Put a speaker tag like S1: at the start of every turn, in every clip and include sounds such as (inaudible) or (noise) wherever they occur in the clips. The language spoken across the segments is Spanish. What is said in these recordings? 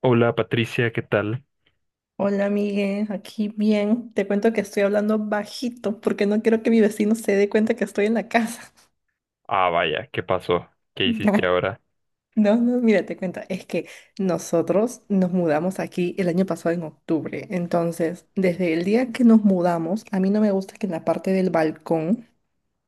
S1: Hola Patricia, ¿qué tal?
S2: Hola, Miguel, aquí bien. Te cuento que estoy hablando bajito porque no quiero que mi vecino se dé cuenta que estoy en la casa. (laughs)
S1: Ah, vaya, ¿qué pasó? ¿Qué hiciste ahora?
S2: No, no, mira, te cuento. Es que nosotros nos mudamos aquí el año pasado en octubre. Entonces, desde el día que nos mudamos, a mí no me gusta que en la parte del balcón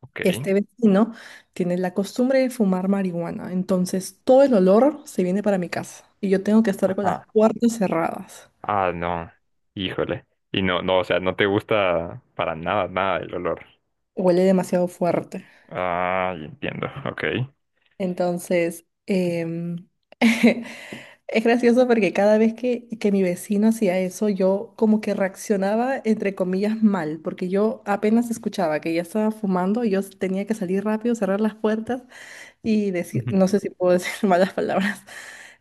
S1: Ok.
S2: este vecino tiene la costumbre de fumar marihuana. Entonces, todo el olor se viene para mi casa y yo tengo que estar con
S1: Ah,
S2: las puertas cerradas.
S1: ah, no. Híjole. Y no, no, o sea, no te gusta para nada, nada el olor.
S2: Huele demasiado fuerte.
S1: Ah, ya entiendo. Ok.
S2: Entonces, (laughs) es gracioso porque cada vez que mi vecino hacía eso, yo como que reaccionaba, entre comillas, mal, porque yo apenas escuchaba que ya estaba fumando, yo tenía que salir rápido, cerrar las puertas y decir, no
S1: Ujú.
S2: sé si puedo (laughs) decir malas palabras,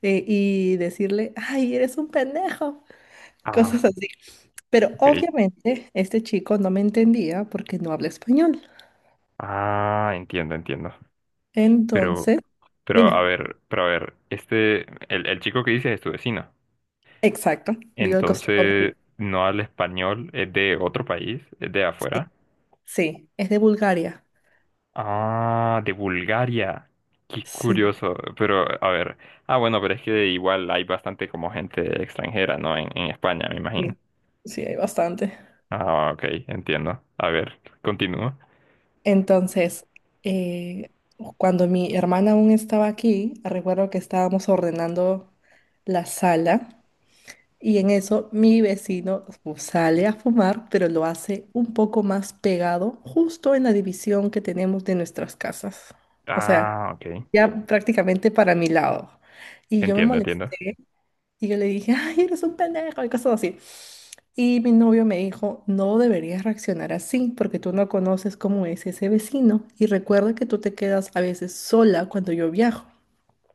S2: y decirle, ay, eres un pendejo, (laughs)
S1: Ah,
S2: cosas así. Pero
S1: ok.
S2: obviamente este chico no me entendía porque no habla español.
S1: Ah, entiendo, entiendo. Pero,
S2: Entonces,
S1: pero a
S2: dime,
S1: ver, pero a ver, este, el chico que dices es tu vecino.
S2: exacto, vivo al costado de
S1: Entonces,
S2: él.
S1: ¿no habla español? ¿Es de otro país? ¿Es de afuera?
S2: Sí, es de Bulgaria.
S1: Ah, de Bulgaria. Qué
S2: Sí,
S1: curioso. Pero, a ver. Ah, bueno, pero es que igual hay bastante como gente extranjera, ¿no? En España, me imagino.
S2: sí, sí, hay bastante.
S1: Ah, ok, entiendo. A ver, continúo.
S2: Entonces, eh, cuando mi hermana aún estaba aquí, recuerdo que estábamos ordenando la sala y en eso mi vecino sale a fumar, pero lo hace un poco más pegado, justo en la división que tenemos de nuestras casas. O sea,
S1: Ah, ok.
S2: ya prácticamente para mi lado. Y yo me
S1: Entiendo, entiendo.
S2: molesté. Y yo le dije, (laughs) ay, eres un pendejo y cosas así. Y mi novio me dijo, no deberías reaccionar así porque tú no conoces cómo es ese vecino. Y recuerda que tú te quedas a veces sola cuando yo viajo.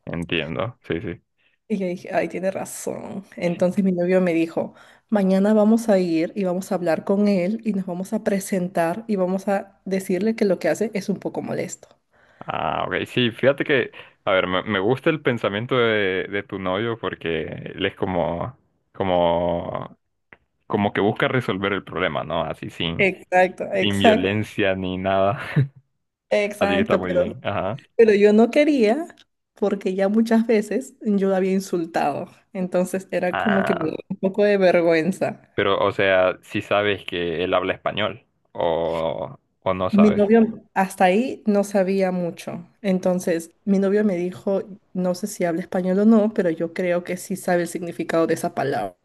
S1: Entiendo. Sí, sí.
S2: Y yo dije, ay, tiene razón. Entonces mi novio me dijo, mañana vamos a ir y vamos a hablar con él y nos vamos a presentar y vamos a decirle que lo que hace es un poco molesto.
S1: Ah, ok. Sí, fíjate que, a ver, me gusta el pensamiento de tu novio porque él es como, como, como que busca resolver el problema, ¿no? Así sin,
S2: Exacto,
S1: sin
S2: exacto,
S1: violencia ni nada. (laughs) Así que está
S2: exacto,
S1: muy
S2: pero
S1: bien. Ajá.
S2: Yo no quería porque ya muchas veces yo la había insultado. Entonces era como que me daba
S1: Ah,
S2: un poco de vergüenza.
S1: pero, o sea, si sabes que él habla español o no
S2: Mi
S1: sabes.
S2: novio hasta ahí no sabía mucho. Entonces mi novio me dijo, no sé si habla español o no, pero yo creo que sí sabe el significado de esa palabra.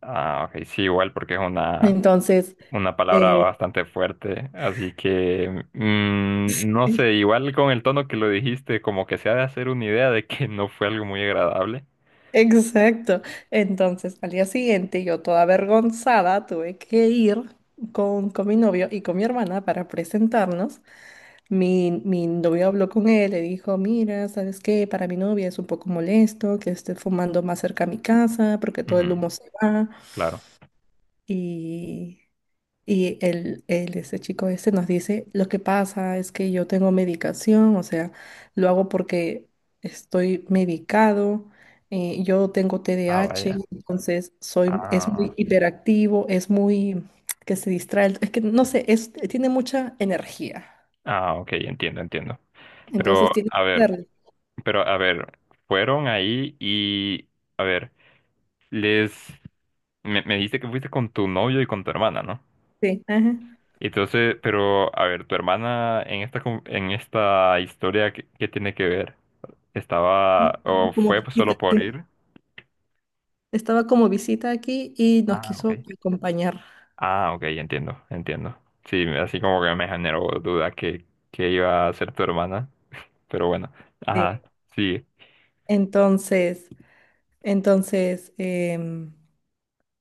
S1: Ah, ok, sí, igual porque es
S2: Entonces,
S1: una palabra
S2: eh,
S1: bastante fuerte, así que no sé,
S2: (laughs)
S1: igual con el tono que lo dijiste, como que se ha de hacer una idea de que no fue algo muy agradable.
S2: exacto. Entonces al día siguiente yo toda avergonzada tuve que ir con mi novio y con mi hermana para presentarnos. Mi novio habló con él, le dijo, mira, ¿sabes qué? Para mi novia es un poco molesto que esté fumando más cerca a mi casa porque todo el
S1: Ujú,
S2: humo se va.
S1: claro.
S2: Y, y el este chico este nos dice, lo que pasa es que yo tengo medicación, o sea, lo hago porque estoy medicado, yo tengo T D A
S1: Ah,
S2: H
S1: vaya.
S2: entonces soy, es muy
S1: Ah,
S2: hiperactivo, es muy, que se distrae, es que no sé, es, tiene mucha energía.
S1: ah, ok, entiendo, entiendo. Pero,
S2: Entonces tiene
S1: a ver, pero a ver, fueron ahí y, a ver, les, me dijiste que fuiste con tu novio y con tu hermana, ¿no?
S2: Sí, ajá.
S1: Entonces, pero, a ver, tu hermana en esta, con- en esta historia, ¿qué, qué tiene que ver?
S2: Sí,
S1: Estaba,
S2: estaba
S1: o
S2: como
S1: fue
S2: visita.
S1: solo por
S2: Sí.
S1: ir.
S2: Estaba como visita aquí y nos
S1: Ah,
S2: quiso
S1: ok.
S2: acompañar.
S1: Ah, ok, entiendo, entiendo. Sí, así como que me generó duda que iba a ser tu hermana, pero bueno.
S2: Sí.
S1: Ajá, sí,
S2: Entonces, entonces em,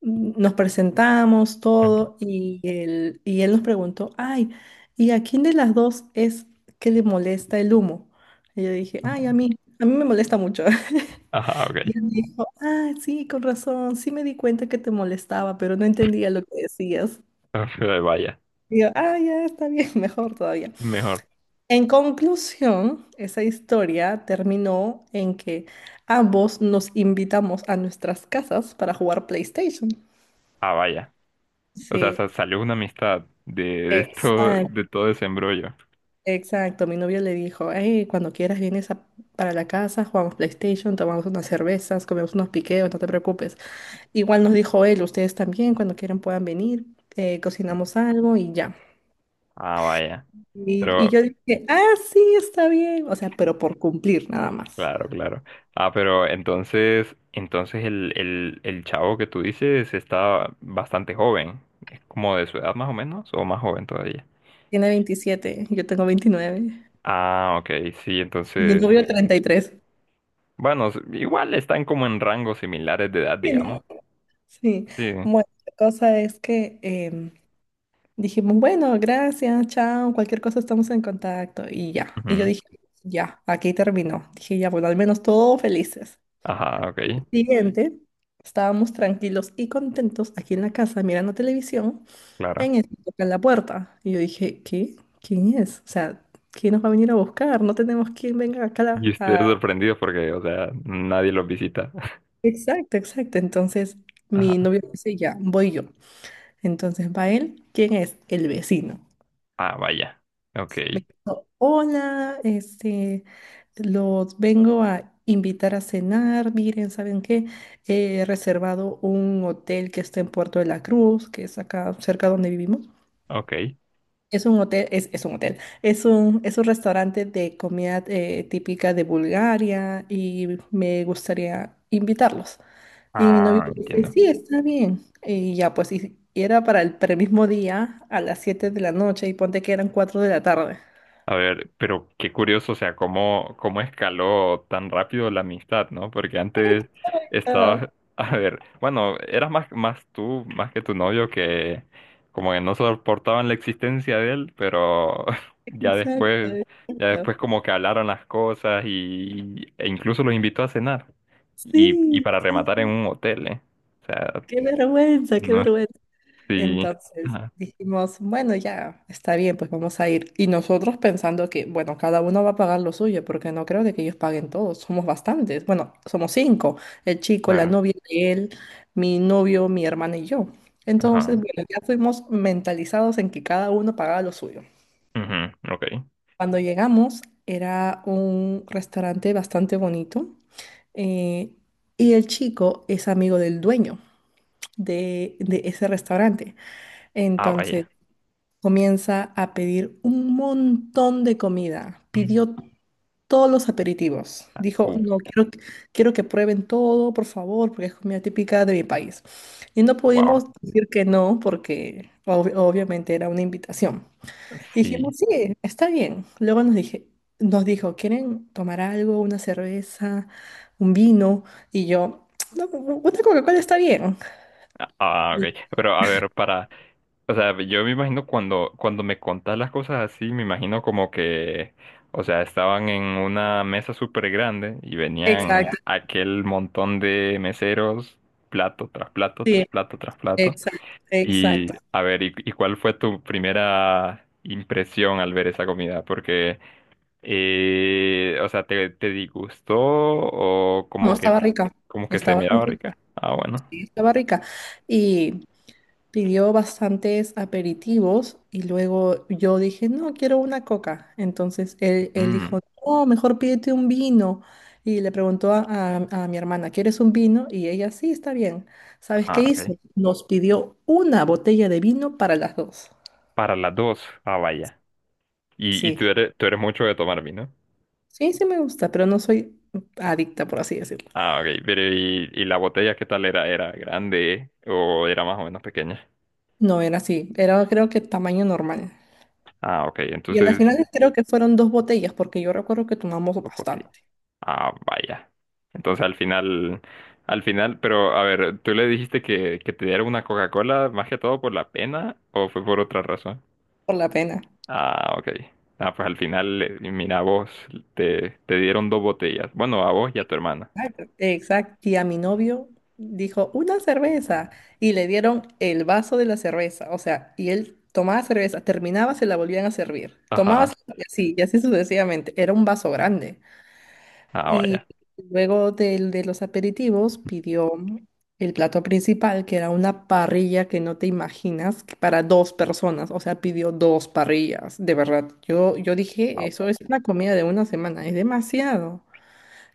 S2: nos presentamos todo y él nos preguntó, ay, ¿y a quién de las dos es que le molesta el humo? Y yo dije, ay, a mí me molesta mucho. (laughs)
S1: ajá,
S2: Y
S1: ok.
S2: él me dijo, ah, sí, con razón, sí me di cuenta que te molestaba, pero no entendía lo que decías.
S1: (laughs) Vaya,
S2: Y yo, ah, ya está bien, (laughs) mejor todavía.
S1: mejor.
S2: En conclusión, esa historia terminó en que ambos nos invitamos a nuestras casas para jugar PlayStation.
S1: Ah, vaya. O sea,
S2: Sí,
S1: sa- salió una amistad
S2: exacto,
S1: de todo ese embrollo.
S2: exacto. Mi novio le dijo, hey, cuando quieras para la casa, jugamos PlayStation, tomamos unas cervezas, comemos unos piqueos, no te preocupes. Igual nos dijo él, ustedes también, cuando quieran puedan venir, cocinamos algo y ya.
S1: Ah, vaya.
S2: Y yo
S1: Pero,
S2: dije, ah, sí, está bien. O sea, pero por cumplir nada más.
S1: claro, claro. Ah, pero entonces, entonces el chavo que tú dices está bastante joven. ¿Es como de su edad más o menos? ¿O más joven todavía?
S2: Tiene 27, yo tengo 29.
S1: Ah, ok, sí,
S2: Mi
S1: entonces,
S2: novio 33.
S1: bueno, s- igual están como en rangos similares de edad,
S2: Sí,
S1: digamos.
S2: ¿no? Sí.
S1: Sí.
S2: Bueno, la cosa es que dijimos, bueno, gracias, chao, cualquier cosa estamos en contacto y ya. Y yo
S1: Ujú.
S2: dije, ya, aquí terminó. Dije, ya, bueno, al menos todos felices.
S1: Ajá, ok,
S2: Siguiente, estábamos tranquilos y contentos aquí en la casa mirando televisión,
S1: claro.
S2: en eso tocan la puerta. Y yo dije, ¿qué? ¿Quién es? O sea, ¿quién nos va a venir a buscar? No tenemos quien venga acá a...
S1: Y
S2: la-
S1: ustedes
S2: a-".
S1: sorprendidos porque, o sea, nadie los visita. (laughs)
S2: Exacto, exacto. Entonces, mi
S1: Ajá.
S2: novio dice, ya, voy yo. Entonces va él, ¿quién es? El vecino.
S1: Ah, vaya. Ok,
S2: Me dijo, hola, este, los vengo a invitar a cenar, miren, ¿saben qué? He reservado un hotel que está en Puerto de la Cruz, que es acá cerca donde vivimos.
S1: ok.
S2: Es un hotel, es un hotel, es un restaurante de comida típica de Bulgaria y me gustaría invitarlos. Y mi novio
S1: Ah,
S2: dice,
S1: entiendo.
S2: sí, está bien. Y ya, pues, y era para el mismo día a las 7 de la noche y ponte que eran 4 de la tarde.
S1: A ver, pero qué curioso, o sea, cómo, cómo escaló tan rápido la amistad, ¿no? Porque antes
S2: Exacto,
S1: estabas, (laughs) a ver, bueno, eras más, más tú, más que tu novio, que como que no soportaban la existencia de él, pero (laughs) ya después,
S2: exacto,
S1: ya después
S2: exacto.
S1: como que hablaron las cosas y, e incluso los invitó a cenar. Y
S2: Sí,
S1: para
S2: sí,
S1: rematar en
S2: sí,
S1: un hotel, ¿eh? O sea,
S2: qué vergüenza, qué
S1: no,
S2: vergüenza.
S1: sí.
S2: Entonces
S1: Ajá,
S2: dijimos, bueno, ya está bien, pues vamos a ir. Y nosotros pensando que, bueno, cada uno va a pagar lo suyo, porque no creo de que ellos paguen todos, somos bastantes. Bueno, somos cinco, el chico, la
S1: claro.
S2: novia de él, mi novio, mi hermana y yo. Entonces,
S1: Ajá.
S2: bueno, ya fuimos mentalizados en que cada uno pagaba lo suyo.
S1: Ujú, ok.
S2: Cuando llegamos, era un restaurante bastante bonito, eh, y el chico es amigo del dueño de ese restaurante.
S1: Ah,
S2: Entonces,
S1: vaya.
S2: comienza a pedir un montón de comida.
S1: Mm.
S2: Pidió todos los aperitivos.
S1: Ah,
S2: Dijo,
S1: uf.
S2: no, quiero que prueben todo, por favor, porque es comida típica de mi país. Y no pudimos
S1: Wow,
S2: decir que no, porque obviamente era una invitación.
S1: sí.
S2: Dijimos, sí, está bien. Nos dijo, ¿quieren tomar algo? ¿Una cerveza? ¿Un vino? Y yo, no, una Coca-Cola está bien.
S1: Ah,
S2: Y-
S1: ok. Pero a ver, para, o sea, yo me imagino cuando, cuando me contás las cosas así, me imagino como que, o sea, estaban en una mesa súper grande y venían
S2: Exacto,
S1: aquel montón de meseros, plato tras plato, tras
S2: sí,
S1: plato, tras plato.
S2: exacto, exacto.
S1: Y a ver, y cuál fue tu primera impresión al ver esa comida? Porque, o sea, ¿te, te disgustó o
S2: No,
S1: como que se
S2: estaba
S1: miraba
S2: rica,
S1: rica? Ah, bueno.
S2: sí, estaba rica. Y pidió bastantes aperitivos y luego yo dije, no, quiero una coca. Entonces él
S1: Mm,
S2: dijo, no, mejor pídete un vino. Y le preguntó a, a mi hermana, ¿quieres un vino? Y ella, sí, está bien. ¿Sabes qué
S1: ah, sí.
S2: hizo?
S1: Ok.
S2: Nos pidió una botella de vino para las dos.
S1: Para las dos. Ah, vaya. Y
S2: Sí,
S1: tú eres mucho de tomar vino.
S2: sí, sí me gusta, pero no soy adicta, por así decirlo.
S1: Ah, ok. Pero y la botella qué tal era? ¿Era grande o era más o menos pequeña?
S2: No era así, era creo que tamaño normal.
S1: Ah, ok.
S2: Y a la
S1: Entonces,
S2: final creo que fueron dos botellas, porque yo recuerdo que tomamos
S1: ok.
S2: bastante,
S1: Ah, vaya. Entonces al final, pero a ver, ¿tú le dijiste que te diera una Coca-Cola más que todo por la pena o fue por otra razón?
S2: por la pena.
S1: Ah, ok. Ah, pues al final, mira, a vos te, te dieron dos botellas. Bueno, a vos y a tu hermana.
S2: Exacto. Exacto. Y a mi novio dijo, una cerveza, y le dieron el vaso de la cerveza, o sea, y él tomaba cerveza, terminaba, se la volvían a servir, tomaba, se-
S1: Ajá.
S2: y así sucesivamente, era un vaso grande.
S1: Ah,
S2: Y
S1: vaya.
S2: luego del, de los aperitivos pidió el plato principal, que era una parrilla que no te imaginas, que para dos personas, o sea, pidió dos parrillas, de verdad. Yo dije, eso es una comida de una semana, es demasiado.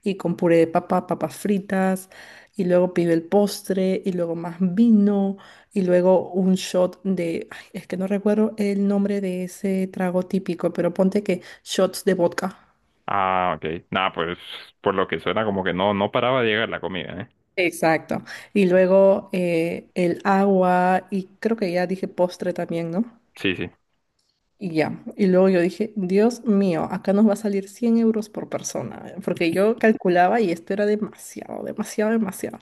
S2: Y con puré de papa, papas fritas, y luego pidió el postre, y luego más vino, y luego un shot de, ay, es que no recuerdo el nombre de ese trago típico, pero ponte que shots de vodka.
S1: Ah, ok. Nada, pues por lo que suena como que no, no paraba de llegar la comida, ¿eh?
S2: Exacto. Y luego el agua y creo que ya dije postre también, ¿no?
S1: Sí, sí.
S2: Y ya. Y luego yo dije, Dios mío, acá nos va a salir 100 euros por persona, porque yo calculaba y esto era demasiado, demasiado, demasiado.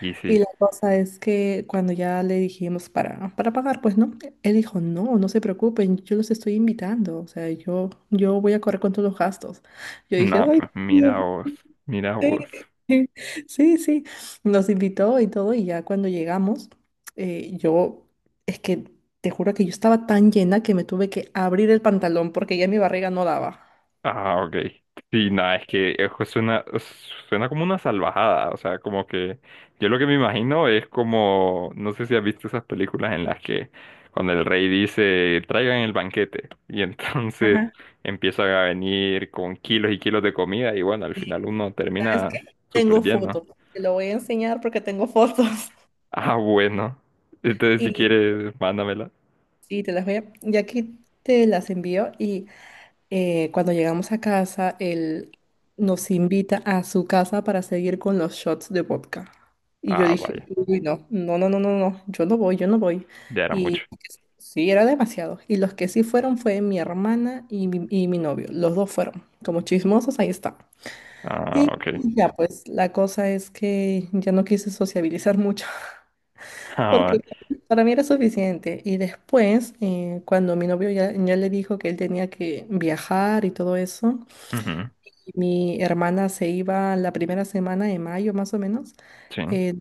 S1: Y
S2: Y
S1: sí.
S2: la cosa es que cuando ya le dijimos para pagar, pues no, él dijo, no, no se preocupen, yo los estoy invitando, o sea, yo voy a correr con todos los gastos. Yo dije,
S1: Nada,
S2: ay.
S1: pues mira vos, mira
S2: Sí,
S1: vos.
S2: (laughs) sí, sí, sí, nos invitó y todo, y ya cuando llegamos, yo, es que te juro que yo estaba tan llena que me tuve que abrir el pantalón porque ya mi barriga no daba.
S1: Ah, ok. Sí, nada, es que eso suena, suena como una salvajada. O sea, como que yo lo que me imagino es como, no sé si has visto esas películas en las que cuando el rey dice, traigan el banquete. Y (laughs) entonces
S2: Ajá.
S1: empiezan a venir con kilos y kilos de comida y bueno, al
S2: Sí,
S1: final uno
S2: ¿sabes qué?
S1: termina
S2: Tengo
S1: súper lleno.
S2: fotos, te lo voy a enseñar porque tengo fotos
S1: Ah, bueno.
S2: (laughs)
S1: Entonces, si
S2: y,
S1: quieres, mándamela.
S2: sí te las voy a, ya que te las envío y cuando llegamos a casa, él nos invita a su casa para seguir con los shots de vodka. Y yo
S1: Ah,
S2: dije,
S1: vaya.
S2: uy, no, no, no, no, no, no, yo no voy, yo no voy.
S1: Ya era
S2: Y
S1: mucho.
S2: sí, era demasiado. Y los que sí fueron fue mi hermana y mi novio. Los dos fueron. Como chismosos, ahí está.
S1: Ah,
S2: Y
S1: ok.
S2: ya, pues la cosa es que ya no quise sociabilizar mucho (laughs)
S1: (laughs) Ah,
S2: porque
S1: vaya.
S2: para mí era suficiente. Y después, cuando mi novio ya le dijo que él tenía que viajar y todo eso,
S1: Ujú,
S2: mi hermana se iba la primera semana de mayo, más o menos,
S1: sí.
S2: eh,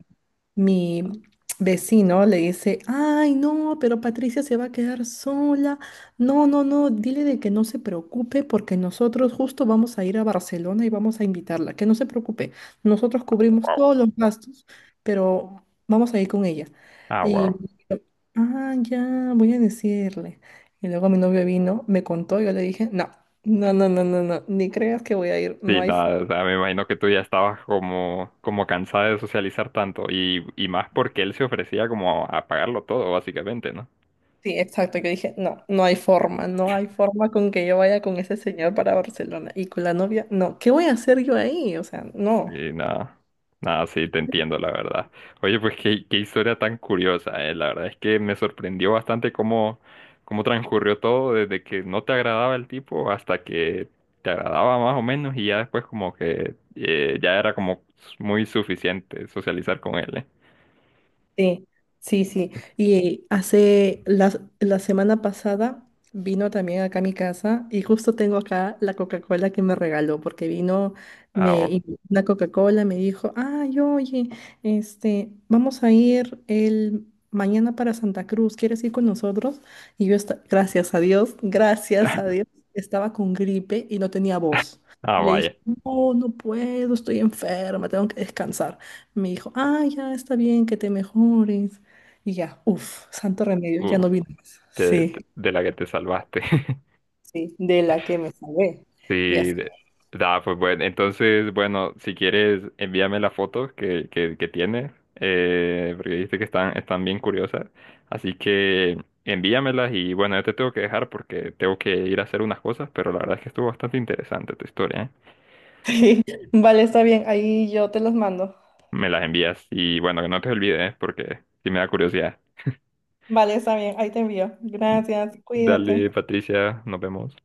S2: mi vecino le dice, ay, no, pero Patricia se va a quedar sola. No, no, no, dile de que no se preocupe porque nosotros justo vamos a ir a Barcelona y vamos a invitarla, que no se preocupe. Nosotros cubrimos todos los gastos, pero vamos a ir con ella.
S1: Ah,
S2: Y
S1: wow.
S2: yo, ah, ya, voy a decirle. Y luego mi novio vino, me contó, yo le dije, no. No, no, no, no, no, ni creas que voy a ir, no
S1: Sí,
S2: hay
S1: nada, o sea, me imagino que tú ya estabas como, como cansada de socializar tanto y más porque él se ofrecía como a pagarlo todo, básicamente, ¿no?
S2: Sí, exacto, que dije, no, no hay forma, no hay forma con que yo vaya con ese señor para Barcelona y con la novia, no, ¿qué voy a hacer yo ahí? O sea, no.
S1: Sí, nada. Nada, sí, te entiendo, la verdad. Oye, pues qué, qué historia tan curiosa, eh. La verdad es que me sorprendió bastante cómo, cómo transcurrió todo, desde que no te agradaba el tipo hasta que te agradaba más o menos, y ya después como que ya era como muy suficiente socializar con él, eh.
S2: Sí, sí, sí. Y hace la semana pasada vino también acá a mi casa y justo tengo acá la Coca-Cola que me regaló porque vino
S1: Ah,
S2: me
S1: o-
S2: invitó una Coca-Cola me dijo, "Ay, oye, este, vamos a ir el mañana para Santa Cruz, ¿quieres ir con nosotros?" Y yo gracias a
S1: (laughs)
S2: Dios, estaba con gripe y no tenía voz.
S1: ah,
S2: Y le dije,
S1: vaya.
S2: "No, no puedo, estoy enferma, tengo que descansar." Me dijo, ah, ya está bien, que te mejores. Y ya, uff, santo remedio, ya
S1: Uh,
S2: no vino más.
S1: te- sí.
S2: Sí,
S1: Te- de la que te salvaste. (laughs)
S2: sí, de la que me salvé. Ya
S1: Sí,
S2: sé.
S1: de-
S2: (laughs)
S1: da, pues bueno, entonces, bueno, si quieres, envíame las fotos que tienes, porque viste que están, están bien curiosas, así que envíamelas y bueno, yo te tengo que dejar porque tengo que ir a hacer unas cosas, pero la verdad es que estuvo bastante interesante tu historia, ¿eh?
S2: Sí, vale, está bien, ahí yo te los mando.
S1: Me las envías y bueno, que no te olvides, ¿eh? Porque sí me da curiosidad.
S2: Vale, está bien, ahí te envío. Gracias,
S1: Dale,
S2: cuídate.
S1: Patricia, nos vemos.